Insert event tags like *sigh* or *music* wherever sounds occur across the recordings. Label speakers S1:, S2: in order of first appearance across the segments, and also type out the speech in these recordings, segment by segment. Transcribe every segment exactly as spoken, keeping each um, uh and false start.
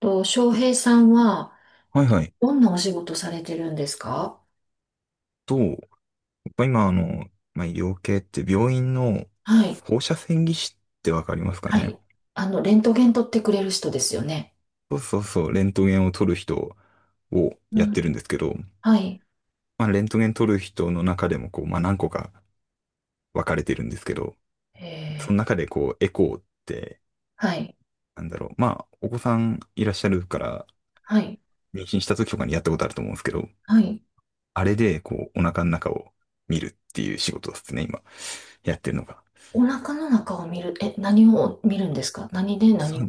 S1: と、翔平さんは、
S2: はいはい。
S1: どんなお仕事されてるんですか？
S2: と、やっぱ今、あの、まあ、医療系って病院の
S1: はい。
S2: 放射線技師ってわかりますか
S1: は
S2: ね？
S1: い。あの、レントゲン取ってくれる人ですよね。
S2: そうそうそう、レントゲンを撮る人を
S1: う
S2: やっ
S1: ん。
S2: てるんですけど、
S1: はい。
S2: まあ、レントゲン撮る人の中でも、こう、まあ、何個か分かれてるんですけど、
S1: え
S2: その
S1: ー、
S2: 中で、こう、エコーって、
S1: はい。
S2: なんだろう、まあ、お子さんいらっしゃるから、
S1: はい。
S2: 妊娠した時とかにやったことあると思うんですけど、
S1: はい。
S2: あれで、こう、お腹の中を見るっていう仕事ですね、今、やってるのが。
S1: お腹の中を見る、え、何を見るんですか？何で？
S2: そ
S1: 何を？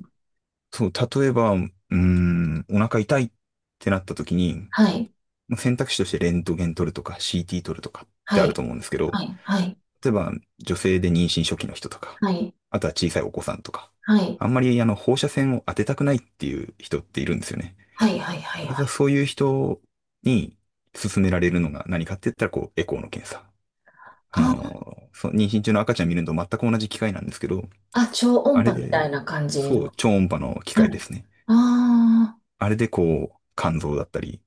S2: そう、例えば、うーん、お腹痛いってなった時に、
S1: はい。
S2: まあ選択肢としてレントゲン取るとか シーティー 取るとかっ
S1: は
S2: てあ
S1: い。
S2: ると思うんですけど、
S1: はい。はい。
S2: 例えば女性で妊娠初期の人とか、
S1: はい。
S2: あとは小さいお子さんとか、
S1: はい。
S2: あんまりあの放射線を当てたくないっていう人っているんですよね。
S1: はい。はい。はい。
S2: だ
S1: は
S2: から
S1: い。
S2: そういう人に勧められるのが何かって言ったらこうエコーの検査。あ
S1: あー、
S2: のー、そう、妊娠中の赤ちゃん見るのと全く同じ機械なんですけど、
S1: あ、超音
S2: あれ
S1: 波みたい
S2: で、
S1: な感じ
S2: そう、
S1: の。
S2: 超音波の機
S1: は
S2: 械で
S1: い。
S2: すね。
S1: あ
S2: あれでこう、肝臓だったり、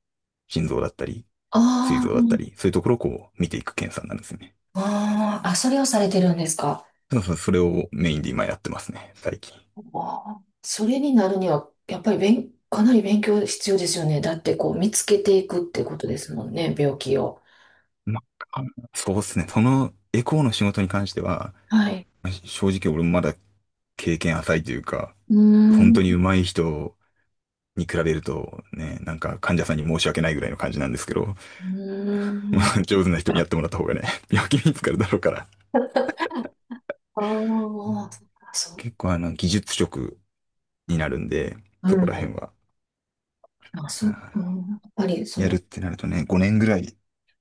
S2: 心臓だったり、膵
S1: あ、
S2: 臓
S1: あ
S2: だったり、そういうところをこう、見ていく検査になるんですよね。
S1: あ、あーあー、それをされてるんですか？
S2: そうそう、それをメインで今やってますね、最近。
S1: ああ、それになるには、やっぱり勉、かなり勉強必要ですよね。だって、こう、見つけていくってことですもんね、病気を。
S2: まあ、そうですね。そのエコーの仕事に関しては、
S1: はい。
S2: まあ正直俺もまだ経験浅いというか、
S1: うー
S2: 本当
S1: ん。
S2: に
S1: う
S2: 上手い人に比べるとね、なんか患者さんに申し訳ないぐらいの感じなんですけど、
S1: ー
S2: *laughs* ま
S1: ん。
S2: あ、上手な人にや
S1: あ
S2: ってもらった方がね、*laughs* 病気見つかるだろうから。
S1: あ、そっか、そ
S2: 結構あの、技術職になるんで、
S1: う。う
S2: そこら
S1: ん。
S2: 辺は。
S1: あ、そう、うん、やっぱり、そ
S2: やるっ
S1: の、
S2: てなるとね、ごねんぐらい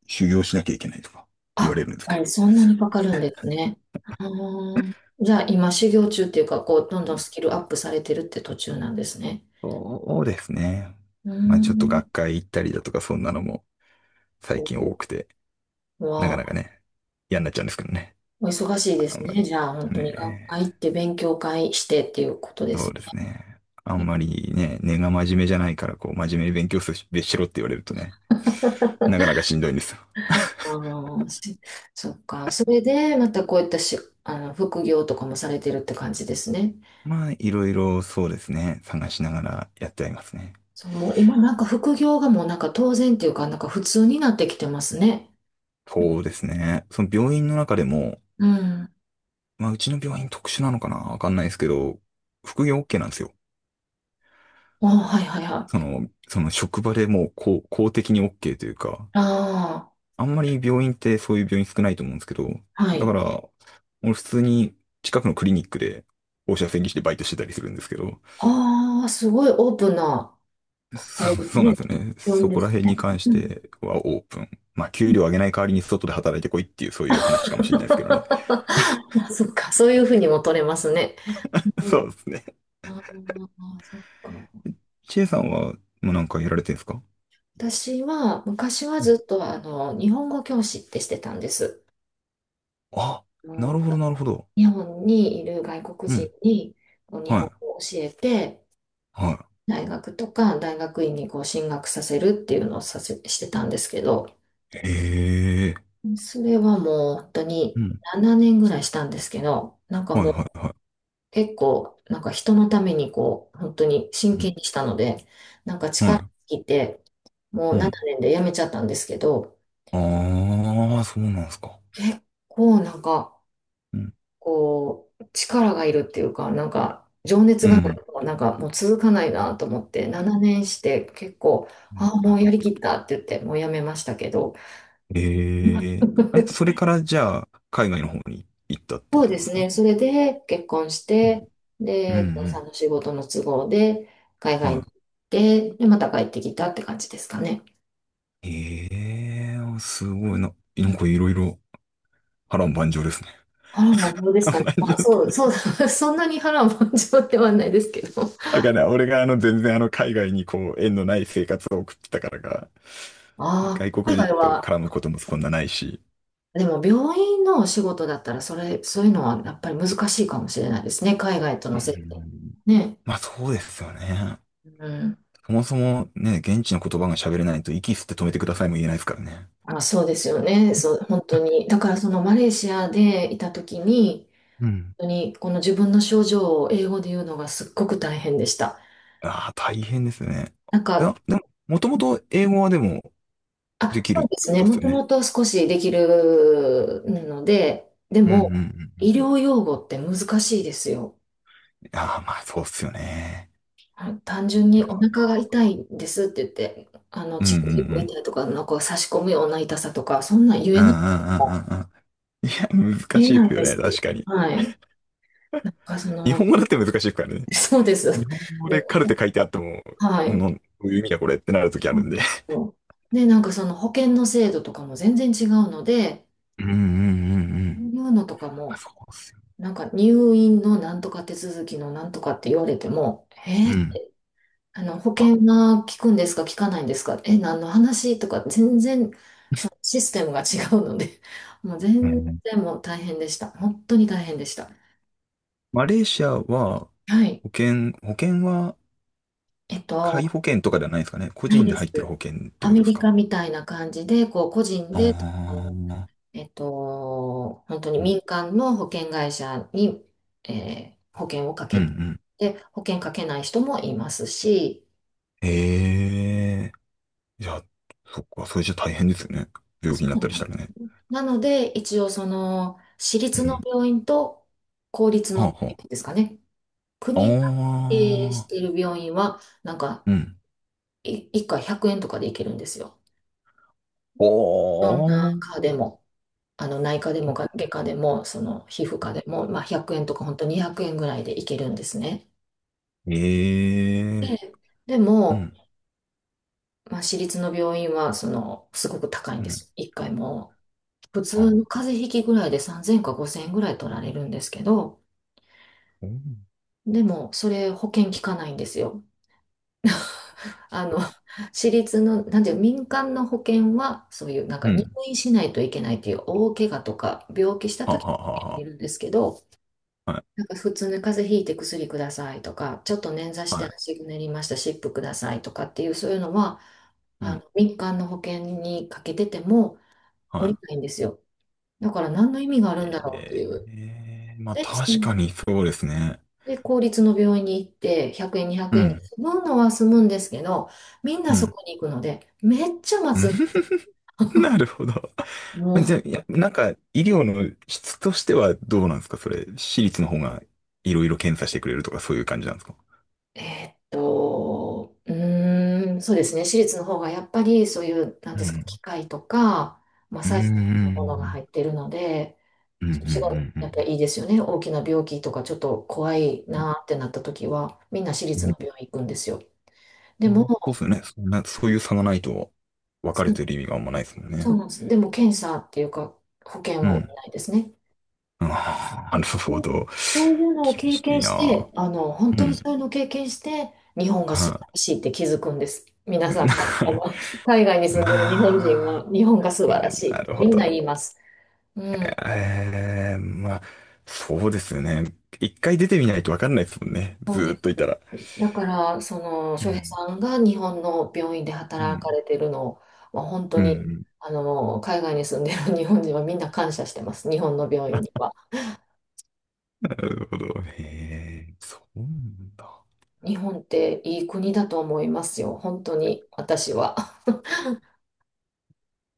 S2: 修行しなきゃいけないとか言われ
S1: あ、
S2: るんです
S1: や
S2: け
S1: っぱ
S2: ど。
S1: りそんなにかかるんですね。うん、じゃあ、今、修行中っていうか、こう、どんどんスキルアップされてるって途中なんですね。
S2: そうですね。
S1: うー
S2: まあちょっと
S1: ん。
S2: 学会行ったりだとかそんなのも最近多くて、なか
S1: わ
S2: なかね、嫌になっちゃうんですけどね。
S1: お忙しいで
S2: あ
S1: す
S2: んまり
S1: ね。じゃあ、本当に学
S2: ね。
S1: 会行って勉強会してっていうことで
S2: そ
S1: す
S2: うですね。あん
S1: ね。
S2: まりね、根が真面目じゃないから、こう、真面目に勉強すべしろって言われるとね、なかなかしんどいんですよ。
S1: あの、しそっか。それで、またこういったし、あの、副業とかもされてるって感じですね。
S2: まあ、いろいろそうですね、探しながらやってはいますね。
S1: そう、もう今なんか副業がもうなんか当然っていうか、なんか普通になってきてますね。
S2: そうですね。その病院の中でも、
S1: うん。
S2: まあ、うちの病院特殊なのかなわかんないですけど、副業 OK なんですよ。
S1: あ、はいはいは
S2: そ
S1: い。
S2: の、その職場でもう公、公的に OK というか、
S1: あ
S2: あんまり病院ってそういう病院少ないと思うんですけど、
S1: あ、は
S2: だ
S1: い。
S2: から、俺普通に近くのクリニックで放射線技師でバイトしてたりするんですけど、
S1: ああ、すごいオープンな、あ
S2: そ、
S1: れ
S2: *laughs*
S1: です
S2: そうなん
S1: ね。
S2: ですよね。
S1: 病院
S2: そ
S1: で
S2: こら
S1: す
S2: 辺に
S1: ね。
S2: 関し
S1: うん。
S2: てはオープン。まあ、給料上げない代わりに外で働いてこいっていうそういう話かもしれないですけどね。
S1: *laughs* あ、そっか、そういうふうにも取れますね。
S2: *laughs*
S1: う
S2: そ
S1: ん、
S2: うですね。
S1: ああ、そっか。
S2: チェさんは、もうなんかやられてるんですか？
S1: 私は昔は
S2: う
S1: ず
S2: ん、
S1: っとあの日本語教師ってしてたんです。
S2: あ、
S1: あ
S2: なる
S1: の
S2: ほど、なるほど。
S1: 日本にいる外国
S2: う
S1: 人
S2: ん。
S1: にこう日
S2: は
S1: 本
S2: い。
S1: 語を教えて、
S2: は
S1: 大学とか大学院にこう進学させるっていうのをさせ、してたんですけど、
S2: い。へえ。
S1: それはもう本当
S2: う
S1: に
S2: ん。
S1: ななねんぐらいしたんですけど、なんか
S2: はい
S1: もう
S2: はいはい。
S1: 結構なんか人のためにこう本当に真
S2: うん。
S1: 剣にしたので、なんか力
S2: は
S1: 尽きて、も
S2: い。
S1: う
S2: うん。
S1: ななねんで辞めちゃったんですけど、
S2: ああ、そうなんすか。
S1: 結構なんか、
S2: うん。
S1: こう、力がいるっていうか、なんか、情熱
S2: う
S1: がない
S2: ん。
S1: と、なんかもう続かないなと思って、ななねんして結構、
S2: う
S1: あ
S2: ん、
S1: あ、
S2: な
S1: も
S2: る
S1: う
S2: ほ
S1: やりき
S2: ど。
S1: ったって言って、もうやめましたけど、
S2: へえ。え、それからじゃあ、海外の方に行ったって
S1: そ
S2: こ
S1: う
S2: と
S1: で
S2: なんで
S1: す
S2: すか？
S1: ね、それで結婚し
S2: うん。
S1: て、
S2: うんう
S1: で、旦那さ
S2: ん、
S1: んの仕事の都合で、海外に
S2: は
S1: 行って、で、また帰ってきたって感じですかね。
S2: い。へえ、すごいな。な
S1: う
S2: ん
S1: ん、
S2: かいろいろ波乱万丈ですね。
S1: 波乱万丈
S2: *laughs*
S1: ですか
S2: 波
S1: ね。
S2: 乱万
S1: まあ、そ
S2: 丈。
S1: う、そう、*laughs* そんなに波乱万丈ではないですけど。
S2: わかんない。俺があの全然あの海外にこう縁のない生活を送ってたからか、
S1: あ
S2: 外
S1: あ、
S2: 国
S1: 海外
S2: 人と
S1: は
S2: 絡むこともそんなないし、
S1: でも病院のお仕事だったら、それ、そういうのはやっぱり難しいかもしれないですね。海外と
S2: う
S1: の接点。
S2: ん。
S1: ね。
S2: まあそうですよね。
S1: うん。
S2: そもそもね、現地の言葉が喋れないと息吸って止めてくださいも言えないですからね。
S1: あ、そうですよね。そう、本当に。だからそのマレーシアでいた時に、
S2: うん。
S1: 本当にこの自分の症状を英語で言うのがすっごく大変でした。
S2: ああ、大変ですね。
S1: なん
S2: い
S1: か、
S2: や、でも、もともと英語はでも
S1: あ、
S2: でき
S1: そ
S2: るっ
S1: うで
S2: て
S1: す
S2: こ
S1: ね。
S2: とで
S1: も
S2: すよ
S1: と
S2: ね。
S1: もと少しできるので、で
S2: うんうんうんう
S1: も、医
S2: ん。
S1: 療用語って難しいですよ。
S2: ああ、まあそうっすよね。
S1: あ、単
S2: い
S1: 純
S2: や
S1: に
S2: い
S1: お
S2: や、
S1: 腹が痛いんですって言って、あの、
S2: うん
S1: チ
S2: うん
S1: クチ
S2: う
S1: ク
S2: ん。
S1: 痛いとか、なんか差し込むような痛さとか、そんなん言
S2: うん
S1: え
S2: う
S1: なく
S2: ん
S1: て
S2: うん
S1: も
S2: うんうん。いや、難
S1: 言え
S2: しいっ
S1: な
S2: す
S1: い
S2: よ
S1: で
S2: ね、
S1: す。
S2: 確かに。
S1: はい。なんかそ
S2: 日
S1: の、
S2: 本語だって難しいっすからね。
S1: *laughs* そうで
S2: 日
S1: す。
S2: 本語
S1: で
S2: でカル
S1: も、
S2: テ書いてあっても、
S1: は
S2: うん、
S1: い。
S2: どういう意味だこれってなるときあるんで。
S1: で、なんかその保険の制度とかも全然違うので、
S2: うんうんうんう
S1: そうい
S2: ん。
S1: うのとか
S2: まあ、
S1: も、
S2: そうっすよね。
S1: なんか入院のなんとか手続きのなんとかって言われても、え、
S2: うん。
S1: あの、保
S2: あ、
S1: 険が効くんですか、効かないんですか、え、何の話とか、全然、そのシステムが違うので、*laughs* もう
S2: う
S1: 全
S2: ん。
S1: 然もう大変でした。本当に大変でした。
S2: マレーシアは、
S1: はい。
S2: 保険、保険は、
S1: えっ
S2: 皆
S1: と、
S2: 保険とかではないですかね。個
S1: ない
S2: 人で
S1: です。
S2: 入ってる保険って
S1: ア
S2: こと
S1: メ
S2: です
S1: リ
S2: か。
S1: カみたいな感じで、こう、個人で、そ
S2: ああ、う
S1: の
S2: ん、
S1: えっと、本当に
S2: うん。
S1: 民間の保険会社に、えー保険をか
S2: う
S1: けて、
S2: ん、
S1: で、保険かけない人もいますし、
S2: へえ。じゃあ、そっか、それじゃ大変ですよね。病
S1: そ
S2: 気になっ
S1: う
S2: たりしたらね。
S1: なので、一応その、私
S2: う
S1: 立の
S2: ん。
S1: 病院と公立の
S2: は
S1: 病
S2: あ、は
S1: 院ですかね。
S2: あ。
S1: 国が経営し
S2: あ
S1: てい
S2: あ。
S1: る病院は、なんか、
S2: うん。
S1: いいっかいひゃくえんとかで行けるんですよ。
S2: お
S1: 内科
S2: ー。
S1: でも、あの内科でも外科でも、その皮膚科でも、まあ、ひゃくえんとか本当にひゃくえんぐらいで行けるんですね。
S2: ええ。
S1: で、で
S2: う
S1: も、
S2: ん。
S1: まあ、私立の病院は、その、すごく高い
S2: う
S1: んで
S2: ん。
S1: す。いっかいも普通の
S2: あ、
S1: 風邪ひきぐらいでさんぜんかごせんえんぐらい取られるんですけど、
S2: うん。
S1: でも、それ保険効かないんですよ。あの、私立の、なんていう、民間の保険は、そういう、なんか
S2: う
S1: 入
S2: ん、
S1: 院しないといけないっていう大怪我とか、病気した
S2: はあ、
S1: 時にい
S2: は
S1: るんですけど、
S2: あ、はあ。は
S1: なんか普通に風邪ひいて薬くださいとか、ちょっと捻挫し
S2: あ、は
S1: て
S2: い。は
S1: 足ぐねりました、湿布くださいとかっていう、そういうのは、
S2: い。う
S1: あの、
S2: ん。
S1: 民間の保険にかけてても、
S2: は
S1: お
S2: い。
S1: りないんですよ。だから何の意味があるんだろうってい
S2: え
S1: う。
S2: え、まあ
S1: で、そ
S2: 確
S1: の
S2: かにそうですね。
S1: で、公立の病院に行って、ひゃくえん、200
S2: う
S1: 円で
S2: ん、
S1: 済むのは済むんですけど、みん
S2: う
S1: なそ
S2: ん。
S1: こに行くので、めっちゃ待
S2: うん。
S1: つ。
S2: *laughs* なるほど。
S1: も
S2: *laughs* じゃあ、
S1: う、
S2: いやなんか、医療の質としてはどうなんですか、それ、私立の方がいろいろ検査してくれるとかそういう感じなんですか？
S1: えーっと、うーん、そうですね。私立の方がやっぱりそういう、なん
S2: う
S1: ですか、
S2: ん。
S1: 機械とか、まあ、
S2: う
S1: サイズのものが
S2: ん。
S1: 入っているので、
S2: うん、うん、う
S1: そっちが
S2: ん、う
S1: やっぱ
S2: ん。
S1: りいいですよね。大きな病気とかちょっと怖いなーってなった時は、みんな私立の病
S2: う
S1: 院行くんですよ。で
S2: ん、
S1: も、
S2: まあ、そうですよね。そんな、そういう差がないと、分か
S1: そ
S2: れてる意味があんまないですもん
S1: そう
S2: ね。
S1: なんです。でも検査っていうか、保険
S2: う
S1: は下り
S2: ん。
S1: ないですね。
S2: あー
S1: で、
S2: なるほ
S1: そう
S2: ど。
S1: そういうのを
S2: 厳
S1: 経
S2: しい
S1: 験し
S2: な。
S1: て、あの、本
S2: う
S1: 当にそ
S2: ん。
S1: ういうのを経験して、日本が素晴
S2: は
S1: らしいって気づくんです。皆
S2: い。
S1: さん、海外
S2: *laughs*
S1: は *laughs* 海外に住んでる日本人
S2: まあ、
S1: は、日本が素晴らし
S2: な
S1: いっ
S2: る
S1: てみ
S2: ほ
S1: んな言
S2: ど。
S1: います。うん、
S2: ええ、まあ、そうですよね。一回出てみないとわかんないですもんね。
S1: そ
S2: ず
S1: う
S2: ー
S1: で
S2: っ
S1: す。
S2: といたら。
S1: だから、その、
S2: う
S1: 翔平
S2: ん。
S1: さんが日本の病院で
S2: う
S1: 働か
S2: ん。
S1: れてるのは、本当
S2: う
S1: に、
S2: ん。
S1: あの、海外に住んでる *laughs* 日本人はみんな感謝してます。日本の病院には。
S2: なるほど。へえ、そうなんだ。
S1: 日本っていい国だと思いますよ。本当に、私は。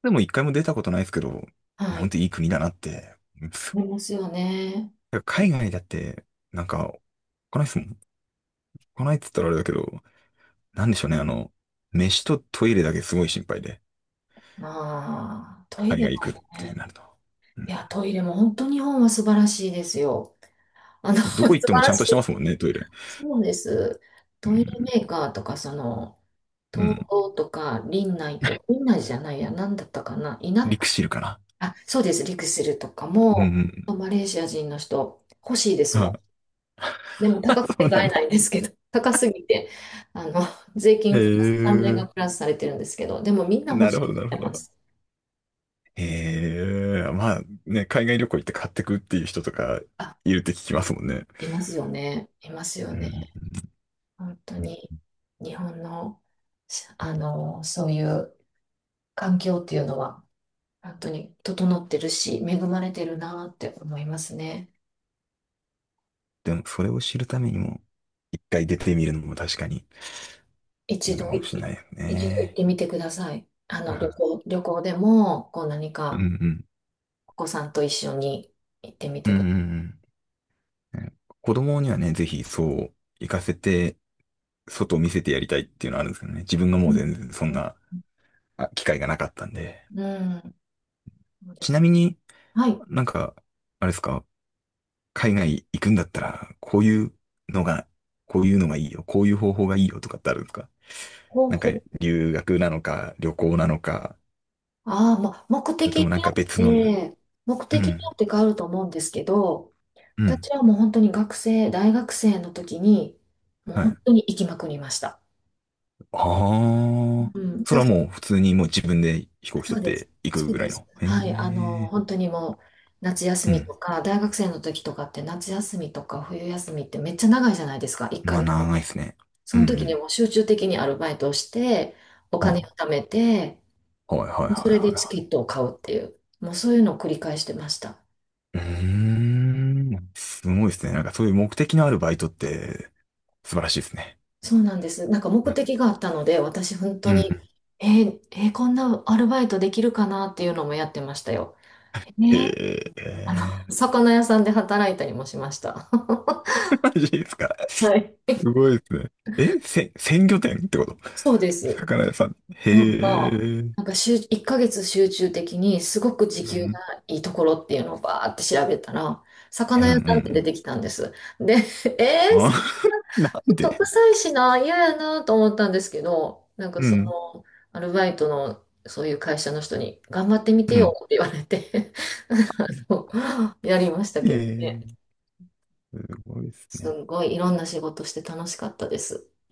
S2: でも一回も出たことないですけど、日
S1: は
S2: 本っ
S1: い。
S2: ていい国だなって。うん。
S1: 思いますよね。
S2: 海外だって、なんか、来ないですもん。来ないっつったらあれだけど、なんでしょうね。あの、飯とトイレだけすごい心配で、
S1: ああ、トイ
S2: 海
S1: レも
S2: 外行くって
S1: ね。
S2: なると。う
S1: い
S2: ん。
S1: や、トイレも本当日本は素晴らしいですよ。あの、*laughs*
S2: ど
S1: 素
S2: こ行っても
S1: 晴
S2: ち
S1: ら
S2: ゃん
S1: し
S2: として
S1: い。
S2: ますもんね、トイレ。
S1: そうです。
S2: う
S1: トイレ
S2: ん
S1: メーカーとか、その、
S2: う
S1: 東
S2: ん。
S1: 京とか、林内とか、林内じゃないや、なんだったかな、イナッ
S2: リク
S1: ク
S2: シ
S1: ス、
S2: ルかな。
S1: あ、そうです、リクシルとか
S2: う
S1: も、
S2: ん。
S1: マレーシア人の人、欲しいです
S2: あ、
S1: もん。でも高く
S2: *laughs* そ
S1: て
S2: うな
S1: 買
S2: ん
S1: えな
S2: だ。
S1: いんですけど、*laughs* 高すぎて、あの、税
S2: へ
S1: 金プラス、関税が
S2: え。
S1: プラスされてるんですけど、でもみんな欲
S2: な
S1: し
S2: るほ
S1: いっ
S2: ど、な
S1: て
S2: るほ
S1: 言ってま
S2: ど。
S1: す。
S2: へえ。まあね、海外旅行行って買ってくっていう人とか
S1: あ、
S2: いるって聞きますもんね。
S1: いますよね。いますよ
S2: う
S1: ね。
S2: ん。
S1: 本当に日本の、あの、そういう環境っていうのは本当に整ってるし、恵まれてるなって思いますね。
S2: でも、それを知るためにも、一回出てみるのも確かにい
S1: 一
S2: いの
S1: 度
S2: かも
S1: い、
S2: しれ
S1: い
S2: ないよ
S1: 一度行っ
S2: ね。
S1: てみてください。あの、旅
S2: う
S1: 行、旅行でも、こう何
S2: んう
S1: か
S2: ん。
S1: お子さんと一緒に行ってみ
S2: うん
S1: て
S2: う
S1: くだ
S2: んうん。子供にはね、ぜひそう、行かせて、外を見せてやりたいっていうのはあるんですけどね。自分がも
S1: さ
S2: う全然そん
S1: い。
S2: な、あ機会がなかったんで。
S1: うんうん、そうで
S2: ちな
S1: す。
S2: みに、
S1: はい。
S2: なんか、あれですか、海外行くんだったら、こういうのが、こういうのがいいよ、こういう方法がいいよとかってあるんですか？
S1: 方
S2: なんか、
S1: 法。
S2: 留学なのか、旅行なのか、
S1: ああ、まあ、目
S2: それ
S1: 的
S2: と
S1: に
S2: もなん
S1: よ
S2: か
S1: っ
S2: 別のな、
S1: て、目
S2: う
S1: 的によ
S2: ん、
S1: って変わると思うんですけど、
S2: う
S1: 私
S2: ん、
S1: はもう本当に学生、大学生の時に、もう
S2: はい。
S1: 本当に行きまくりました。
S2: あ
S1: う
S2: あ、
S1: ん。
S2: そ
S1: だ、
S2: れはもう普通にもう自分で飛行機
S1: そ
S2: 取
S1: う
S2: っ
S1: です。
S2: て行く
S1: そう
S2: ぐら
S1: で
S2: い
S1: す。
S2: の。へ
S1: はい。あの、
S2: え、
S1: 本当にもう、夏休
S2: う
S1: み
S2: ん。
S1: とか、大学生の時とかって夏休みとか冬休みってめっちゃ長いじゃないですか、1
S2: まあ
S1: ヶ月。
S2: 長いですね。う
S1: そ
S2: ん、
S1: の
S2: う
S1: 時に
S2: ん。
S1: もう集中的にアルバイトをして、お金を
S2: は
S1: 貯めて、
S2: あ、はいはいは
S1: それで
S2: い
S1: チ
S2: は
S1: ケットを買うっていう、もうそういうのを繰り返してました。
S2: いはい。うーん、すごいですね。なんかそういう目的のあるバイトって素晴らしいですね。
S1: そうなんです。なんか目的があったので、私本
S2: う
S1: 当に、
S2: ん。
S1: えーえーこんなアルバイトできるかなっていうのもやってましたよ。ね、
S2: へ
S1: あの、
S2: え、
S1: *laughs* 魚屋さんで働いたりもしました。*laughs*
S2: マジですか。
S1: は
S2: す
S1: い。
S2: ごいですね。え、せ、鮮魚店ってこと？
S1: そうです。
S2: 魚屋さん。へ
S1: なん
S2: え、
S1: か、
S2: うん、
S1: なんか集いっかげつ集中的にすごく時
S2: う
S1: 給が
S2: ん、
S1: いいところっていうのをバーって調べたら、
S2: う
S1: 魚屋さんって出
S2: ん。
S1: てきたんです。で、*laughs* えー、
S2: あ、
S1: 魚
S2: な
S1: ちょ
S2: ん
S1: っと
S2: で。
S1: 臭いしな、嫌やなと思ったんですけど、なんか
S2: う
S1: そ
S2: ん。
S1: の、アルバイトのそういう会社の人に、頑張ってみて
S2: う
S1: よ
S2: ん。
S1: って言われて *laughs* あのやりました
S2: え
S1: けどね。
S2: え、すごいです
S1: す
S2: ね。
S1: んごいいろんな仕事して楽しかったです。